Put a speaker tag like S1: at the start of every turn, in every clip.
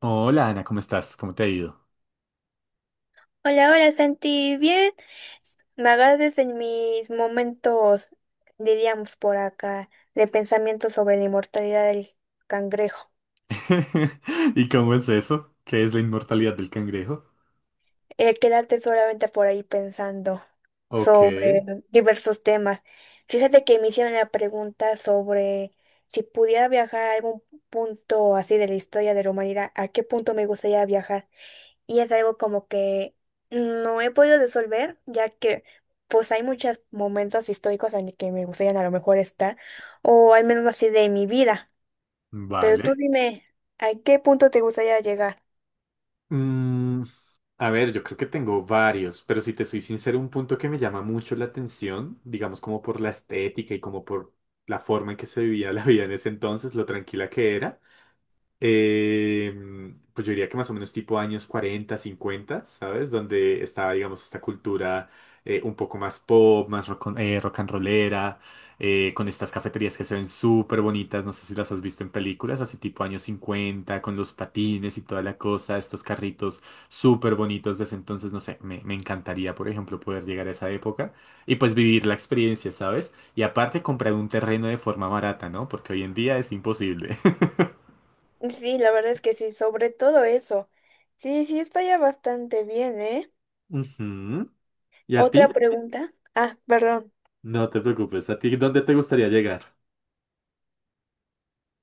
S1: Hola Ana, ¿cómo estás? ¿Cómo te ha ido?
S2: Hola, hola Santi, bien. Me agarras en mis momentos, diríamos por acá, de pensamiento sobre la inmortalidad del cangrejo.
S1: ¿Y cómo es eso? ¿Qué es la inmortalidad del cangrejo?
S2: El quedarte solamente por ahí pensando
S1: Ok,
S2: sobre diversos temas. Fíjate que me hicieron la pregunta sobre si pudiera viajar a algún punto así de la historia de la humanidad, ¿a qué punto me gustaría viajar? Y es algo como que no he podido resolver, ya que pues hay muchos momentos históricos en los que me gustaría a lo mejor estar, o al menos así de mi vida. Pero
S1: vale.
S2: tú dime, ¿a qué punto te gustaría llegar?
S1: Mm, a ver, yo creo que tengo varios, pero si te soy sincero, un punto que me llama mucho la atención, digamos como por la estética y como por la forma en que se vivía la vida en ese entonces, lo tranquila que era. Eh, pues yo diría que más o menos tipo años 40 cincuenta, ¿sabes? Donde estaba, digamos, esta cultura un poco más pop, más rock, rock and rollera, con estas cafeterías que se ven súper bonitas. No sé si las has visto en películas, así tipo años 50 con los patines y toda la cosa, estos carritos súper bonitos desde entonces. No sé, me encantaría, por ejemplo, poder llegar a esa época y pues vivir la experiencia, ¿sabes? Y aparte comprar un terreno de forma barata, ¿no? Porque hoy en día es imposible.
S2: Sí, la verdad es que sí, sobre todo eso. Sí, sí, está ya bastante bien, ¿eh?
S1: ¿Y a
S2: Otra
S1: ti?
S2: pregunta. Ah, perdón.
S1: No te preocupes. ¿A ti dónde te gustaría llegar?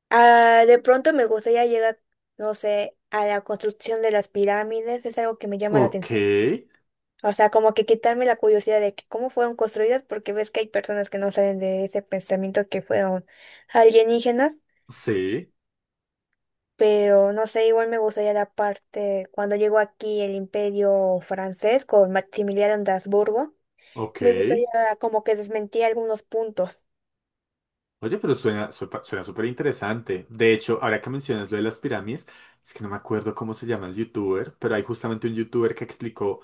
S2: Ah, de pronto me gustaría llegar, no sé, a la construcción de las pirámides, es algo que me llama la
S1: Ok,
S2: atención. O sea, como que quitarme la curiosidad de que cómo fueron construidas, porque ves que hay personas que no salen de ese pensamiento que fueron alienígenas,
S1: sí,
S2: pero no sé, igual me gustaría la parte cuando llegó aquí el Imperio francés con Maximiliano de Habsburgo,
S1: ok.
S2: me gustaría como que desmentía algunos puntos.
S1: Oye, pero suena, suena súper interesante. De hecho, ahora que mencionas lo de las pirámides, es que no me acuerdo cómo se llama el youtuber, pero hay justamente un youtuber que explicó,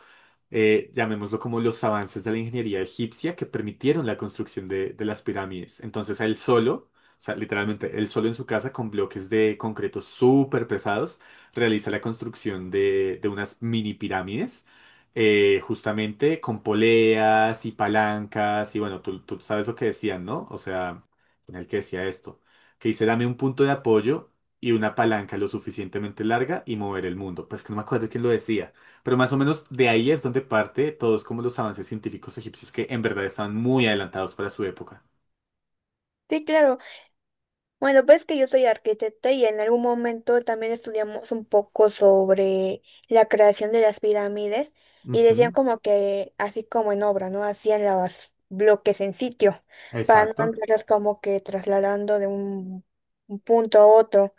S1: llamémoslo como los avances de la ingeniería egipcia que permitieron la construcción de las pirámides. Entonces, a él solo, o sea, literalmente, él solo en su casa con bloques de concreto súper pesados, realiza la construcción de unas mini pirámides, justamente con poleas y palancas. Y bueno, tú sabes lo que decían, ¿no? O sea, en el que decía esto, que dice, dame un punto de apoyo y una palanca lo suficientemente larga y mover el mundo. Pues que no me acuerdo quién lo decía, pero más o menos de ahí es donde parte todos como los avances científicos egipcios que en verdad estaban muy adelantados para su época.
S2: Sí, claro. Bueno, pues que yo soy arquitecta y en algún momento también estudiamos un poco sobre la creación de las pirámides y decían
S1: Ujú,
S2: como que así como en obra, ¿no? Hacían los bloques en sitio para no
S1: exacto.
S2: andarlas como que trasladando de un punto a otro.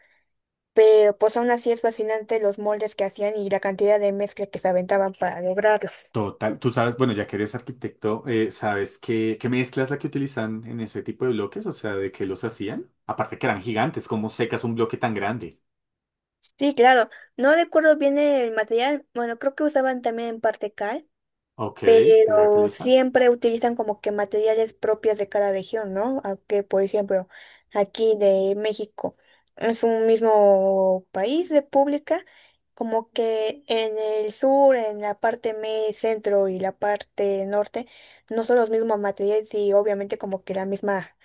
S2: Pero pues aún así es fascinante los moldes que hacían y la cantidad de mezcla que se aventaban para lograrlos.
S1: Total. Tú sabes, bueno, ya que eres arquitecto, ¿sabes qué, mezcla es la que utilizan en ese tipo de bloques? O sea, ¿de qué los hacían? Aparte que eran gigantes, ¿cómo secas un bloque tan grande?
S2: Sí, claro. No recuerdo bien el material. Bueno, creo que usaban también en parte cal.
S1: Ok, piedra
S2: Pero
S1: caliza.
S2: siempre utilizan como que materiales propios de cada región, ¿no? Aunque, por ejemplo, aquí de México es un mismo país, república, como que en el sur, en la parte centro y la parte norte, no son los mismos materiales y obviamente como que la misma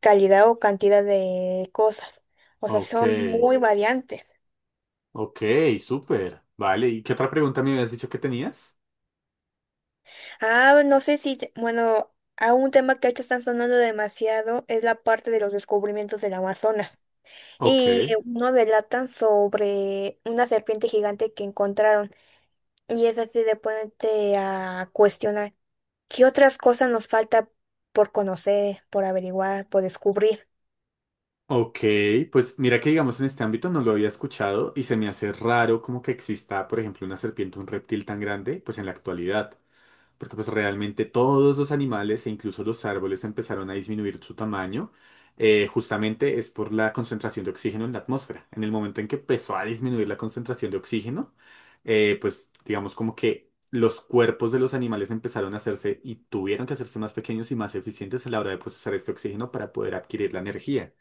S2: calidad o cantidad de cosas. O sea,
S1: Ok.
S2: son muy variantes.
S1: Ok, súper. Vale, ¿y qué otra pregunta me habías dicho que tenías?
S2: Ah, bueno, no sé si, te- bueno, a un tema que ahorita están sonando demasiado es la parte de los descubrimientos del Amazonas.
S1: Ok,
S2: Y uno delatan sobre una serpiente gigante que encontraron. Y es así de ponerte a cuestionar qué otras cosas nos falta por conocer, por averiguar, por descubrir.
S1: ok, pues mira que digamos en este ámbito no lo había escuchado y se me hace raro como que exista, por ejemplo, una serpiente, un reptil tan grande, pues en la actualidad. Porque pues realmente todos los animales e incluso los árboles empezaron a disminuir su tamaño, justamente es por la concentración de oxígeno en la atmósfera. En el momento en que empezó a disminuir la concentración de oxígeno, pues digamos como que los cuerpos de los animales empezaron a hacerse y tuvieron que hacerse más pequeños y más eficientes a la hora de procesar este oxígeno para poder adquirir la energía.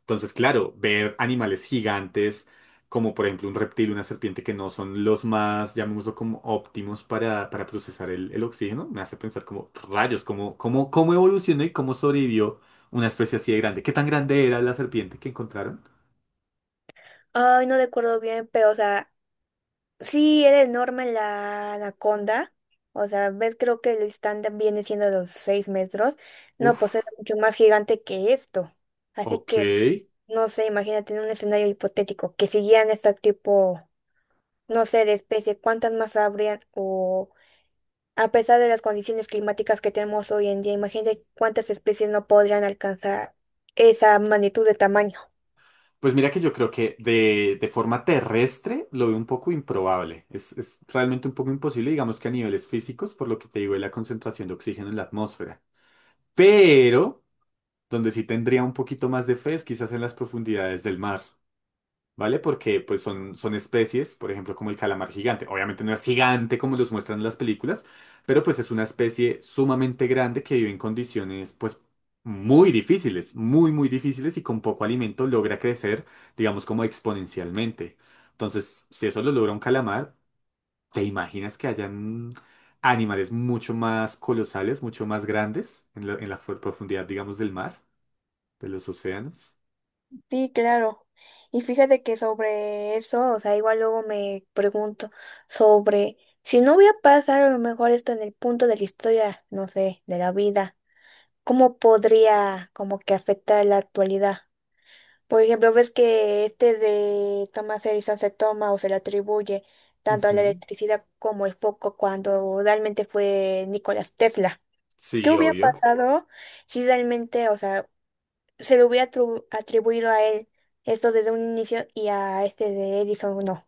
S1: Entonces, claro, ver animales gigantes, como por ejemplo un reptil, una serpiente, que no son los más, llamémoslo como óptimos para, procesar el, oxígeno, me hace pensar como rayos, cómo, cómo, evolucionó y cómo sobrevivió una especie así de grande. ¿Qué tan grande era la serpiente que encontraron?
S2: Ay, no recuerdo bien, pero o sea, sí, era enorme la anaconda. O sea, ves, creo que el estándar viene siendo los 6 metros. No, pues era
S1: Uf,
S2: mucho más gigante que esto. Así
S1: ok.
S2: que, no sé, imagínate en un escenario hipotético que siguieran este tipo, no sé, de especie, ¿cuántas más habrían? O a pesar de las condiciones climáticas que tenemos hoy en día, imagínate cuántas especies no podrían alcanzar esa magnitud de tamaño.
S1: Pues mira que yo creo que de forma terrestre lo veo un poco improbable. Es realmente un poco imposible, digamos que a niveles físicos, por lo que te digo de la concentración de oxígeno en la atmósfera. Pero... donde sí tendría un poquito más de fe es quizás en las profundidades del mar, ¿vale? Porque pues son, especies, por ejemplo, como el calamar gigante. Obviamente no es gigante como los muestran en las películas, pero pues es una especie sumamente grande que vive en condiciones pues muy difíciles, muy, muy difíciles, y con poco alimento logra crecer, digamos, como exponencialmente. Entonces, si eso lo logra un calamar, ¿te imaginas que hayan animales mucho más colosales, mucho más grandes en la, profundidad, digamos, del mar? ¿De los océanos?
S2: Sí, claro. Y fíjate que sobre eso, o sea, igual luego me pregunto sobre si no hubiera pasado a lo mejor esto en el punto de la historia, no sé, de la vida, ¿cómo podría como que afectar la actualidad? Por ejemplo, ves que este de Thomas Edison se toma o se le atribuye tanto a la
S1: Ujú.
S2: electricidad como el foco cuando realmente fue Nikola Tesla. ¿Qué
S1: Sí,
S2: hubiera
S1: obvio.
S2: pasado si realmente, o sea, se le hubiera atribuido a él esto desde un inicio y a este de Edison no?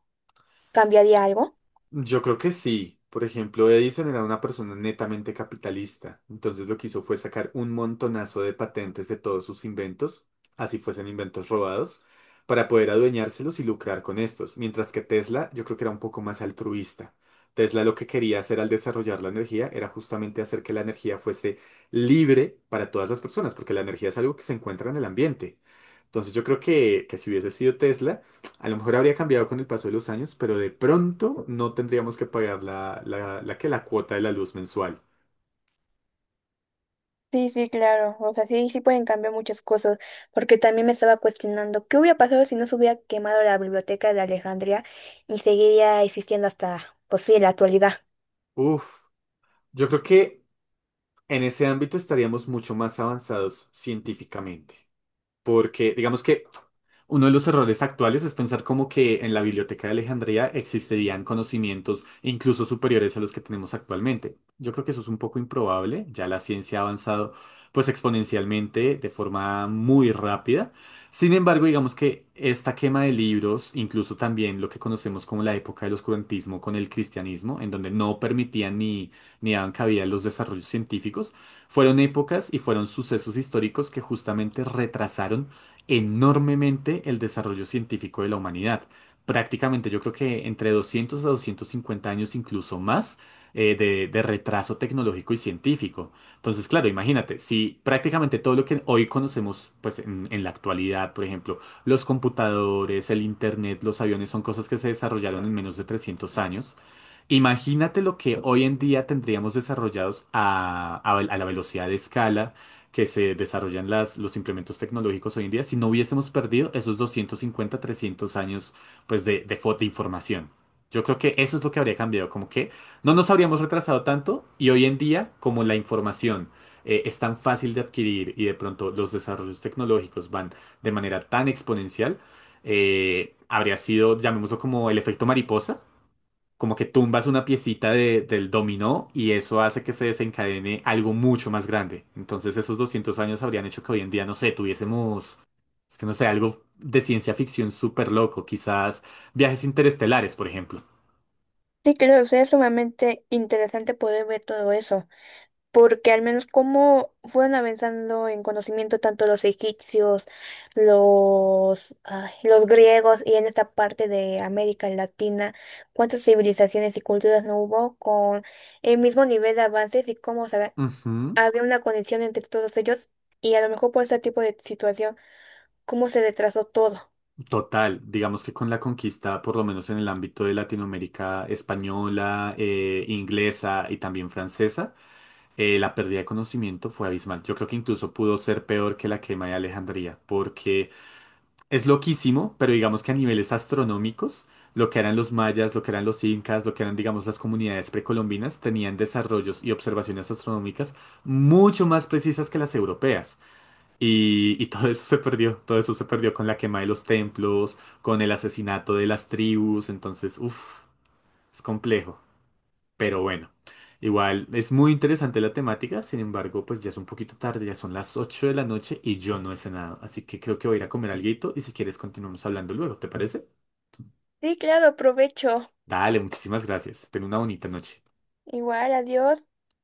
S2: ¿Cambiaría algo?
S1: Yo creo que sí. Por ejemplo, Edison era una persona netamente capitalista. Entonces lo que hizo fue sacar un montonazo de patentes de todos sus inventos, así fuesen inventos robados, para poder adueñárselos y lucrar con estos. Mientras que Tesla, yo creo que era un poco más altruista. Tesla lo que quería hacer al desarrollar la energía era justamente hacer que la energía fuese libre para todas las personas, porque la energía es algo que se encuentra en el ambiente. Entonces yo creo que, si hubiese sido Tesla, a lo mejor habría cambiado con el paso de los años, pero de pronto no tendríamos que pagar la, la, que la cuota de la luz mensual.
S2: Sí, sí, claro. O sea, sí, sí pueden cambiar muchas cosas, porque también me estaba cuestionando qué hubiera pasado si no se hubiera quemado la biblioteca de Alejandría y seguiría existiendo hasta, pues sí, la actualidad.
S1: Uf, yo creo que en ese ámbito estaríamos mucho más avanzados científicamente. Porque digamos que uno de los errores actuales es pensar como que en la Biblioteca de Alejandría existirían conocimientos incluso superiores a los que tenemos actualmente. Yo creo que eso es un poco improbable, ya la ciencia ha avanzado pues exponencialmente de forma muy rápida. Sin embargo, digamos que esta quema de libros, incluso también lo que conocemos como la época del oscurantismo con el cristianismo, en donde no permitían ni, daban cabida a los desarrollos científicos, fueron épocas y fueron sucesos históricos que justamente retrasaron enormemente el desarrollo científico de la humanidad. Prácticamente yo creo que entre 200 a 250 años, incluso más, de retraso tecnológico y científico. Entonces, claro, imagínate, si prácticamente todo lo que hoy conocemos, pues en, la actualidad, por ejemplo, los computadores, el internet, los aviones son cosas que se desarrollaron en menos de 300 años. Imagínate lo que hoy en día tendríamos desarrollados a, a la velocidad de escala que se desarrollan las, los implementos tecnológicos hoy en día si no hubiésemos perdido esos 250, 300 años pues, de, de información. Yo creo que eso es lo que habría cambiado, como que no nos habríamos retrasado tanto y hoy en día, como la información es tan fácil de adquirir y de pronto los desarrollos tecnológicos van de manera tan exponencial, habría sido, llamémoslo como el efecto mariposa, como que tumbas una piecita del dominó y eso hace que se desencadene algo mucho más grande. Entonces esos 200 años habrían hecho que hoy en día, no sé, tuviésemos, es que no sé, algo de ciencia ficción súper loco, quizás viajes interestelares, por ejemplo.
S2: Sí, claro, sería sumamente interesante poder ver todo eso. Porque al menos como fueron avanzando en conocimiento tanto los egipcios, los, ay, los griegos y en esta parte de América Latina, cuántas civilizaciones y culturas no hubo con el mismo nivel de avances y cómo se-
S1: Ujú.
S2: había una conexión entre todos ellos y a lo mejor por este tipo de situación, cómo se retrasó todo.
S1: Total, digamos que con la conquista, por lo menos en el ámbito de Latinoamérica española, inglesa y también francesa, la pérdida de conocimiento fue abismal. Yo creo que incluso pudo ser peor que la quema de Alejandría, porque es loquísimo, pero digamos que a niveles astronómicos, lo que eran los mayas, lo que eran los incas, lo que eran, digamos, las comunidades precolombinas, tenían desarrollos y observaciones astronómicas mucho más precisas que las europeas. Y todo eso se perdió, todo eso se perdió con la quema de los templos, con el asesinato de las tribus. Entonces, uff, es complejo. Pero bueno, igual es muy interesante la temática. Sin embargo, pues ya es un poquito tarde, ya son las 8 de la noche y yo no he cenado, así que creo que voy a ir a comer alguito y si quieres continuamos hablando luego, ¿te parece?
S2: Sí, claro, provecho.
S1: Dale, muchísimas gracias. Ten una bonita noche.
S2: Igual, adiós.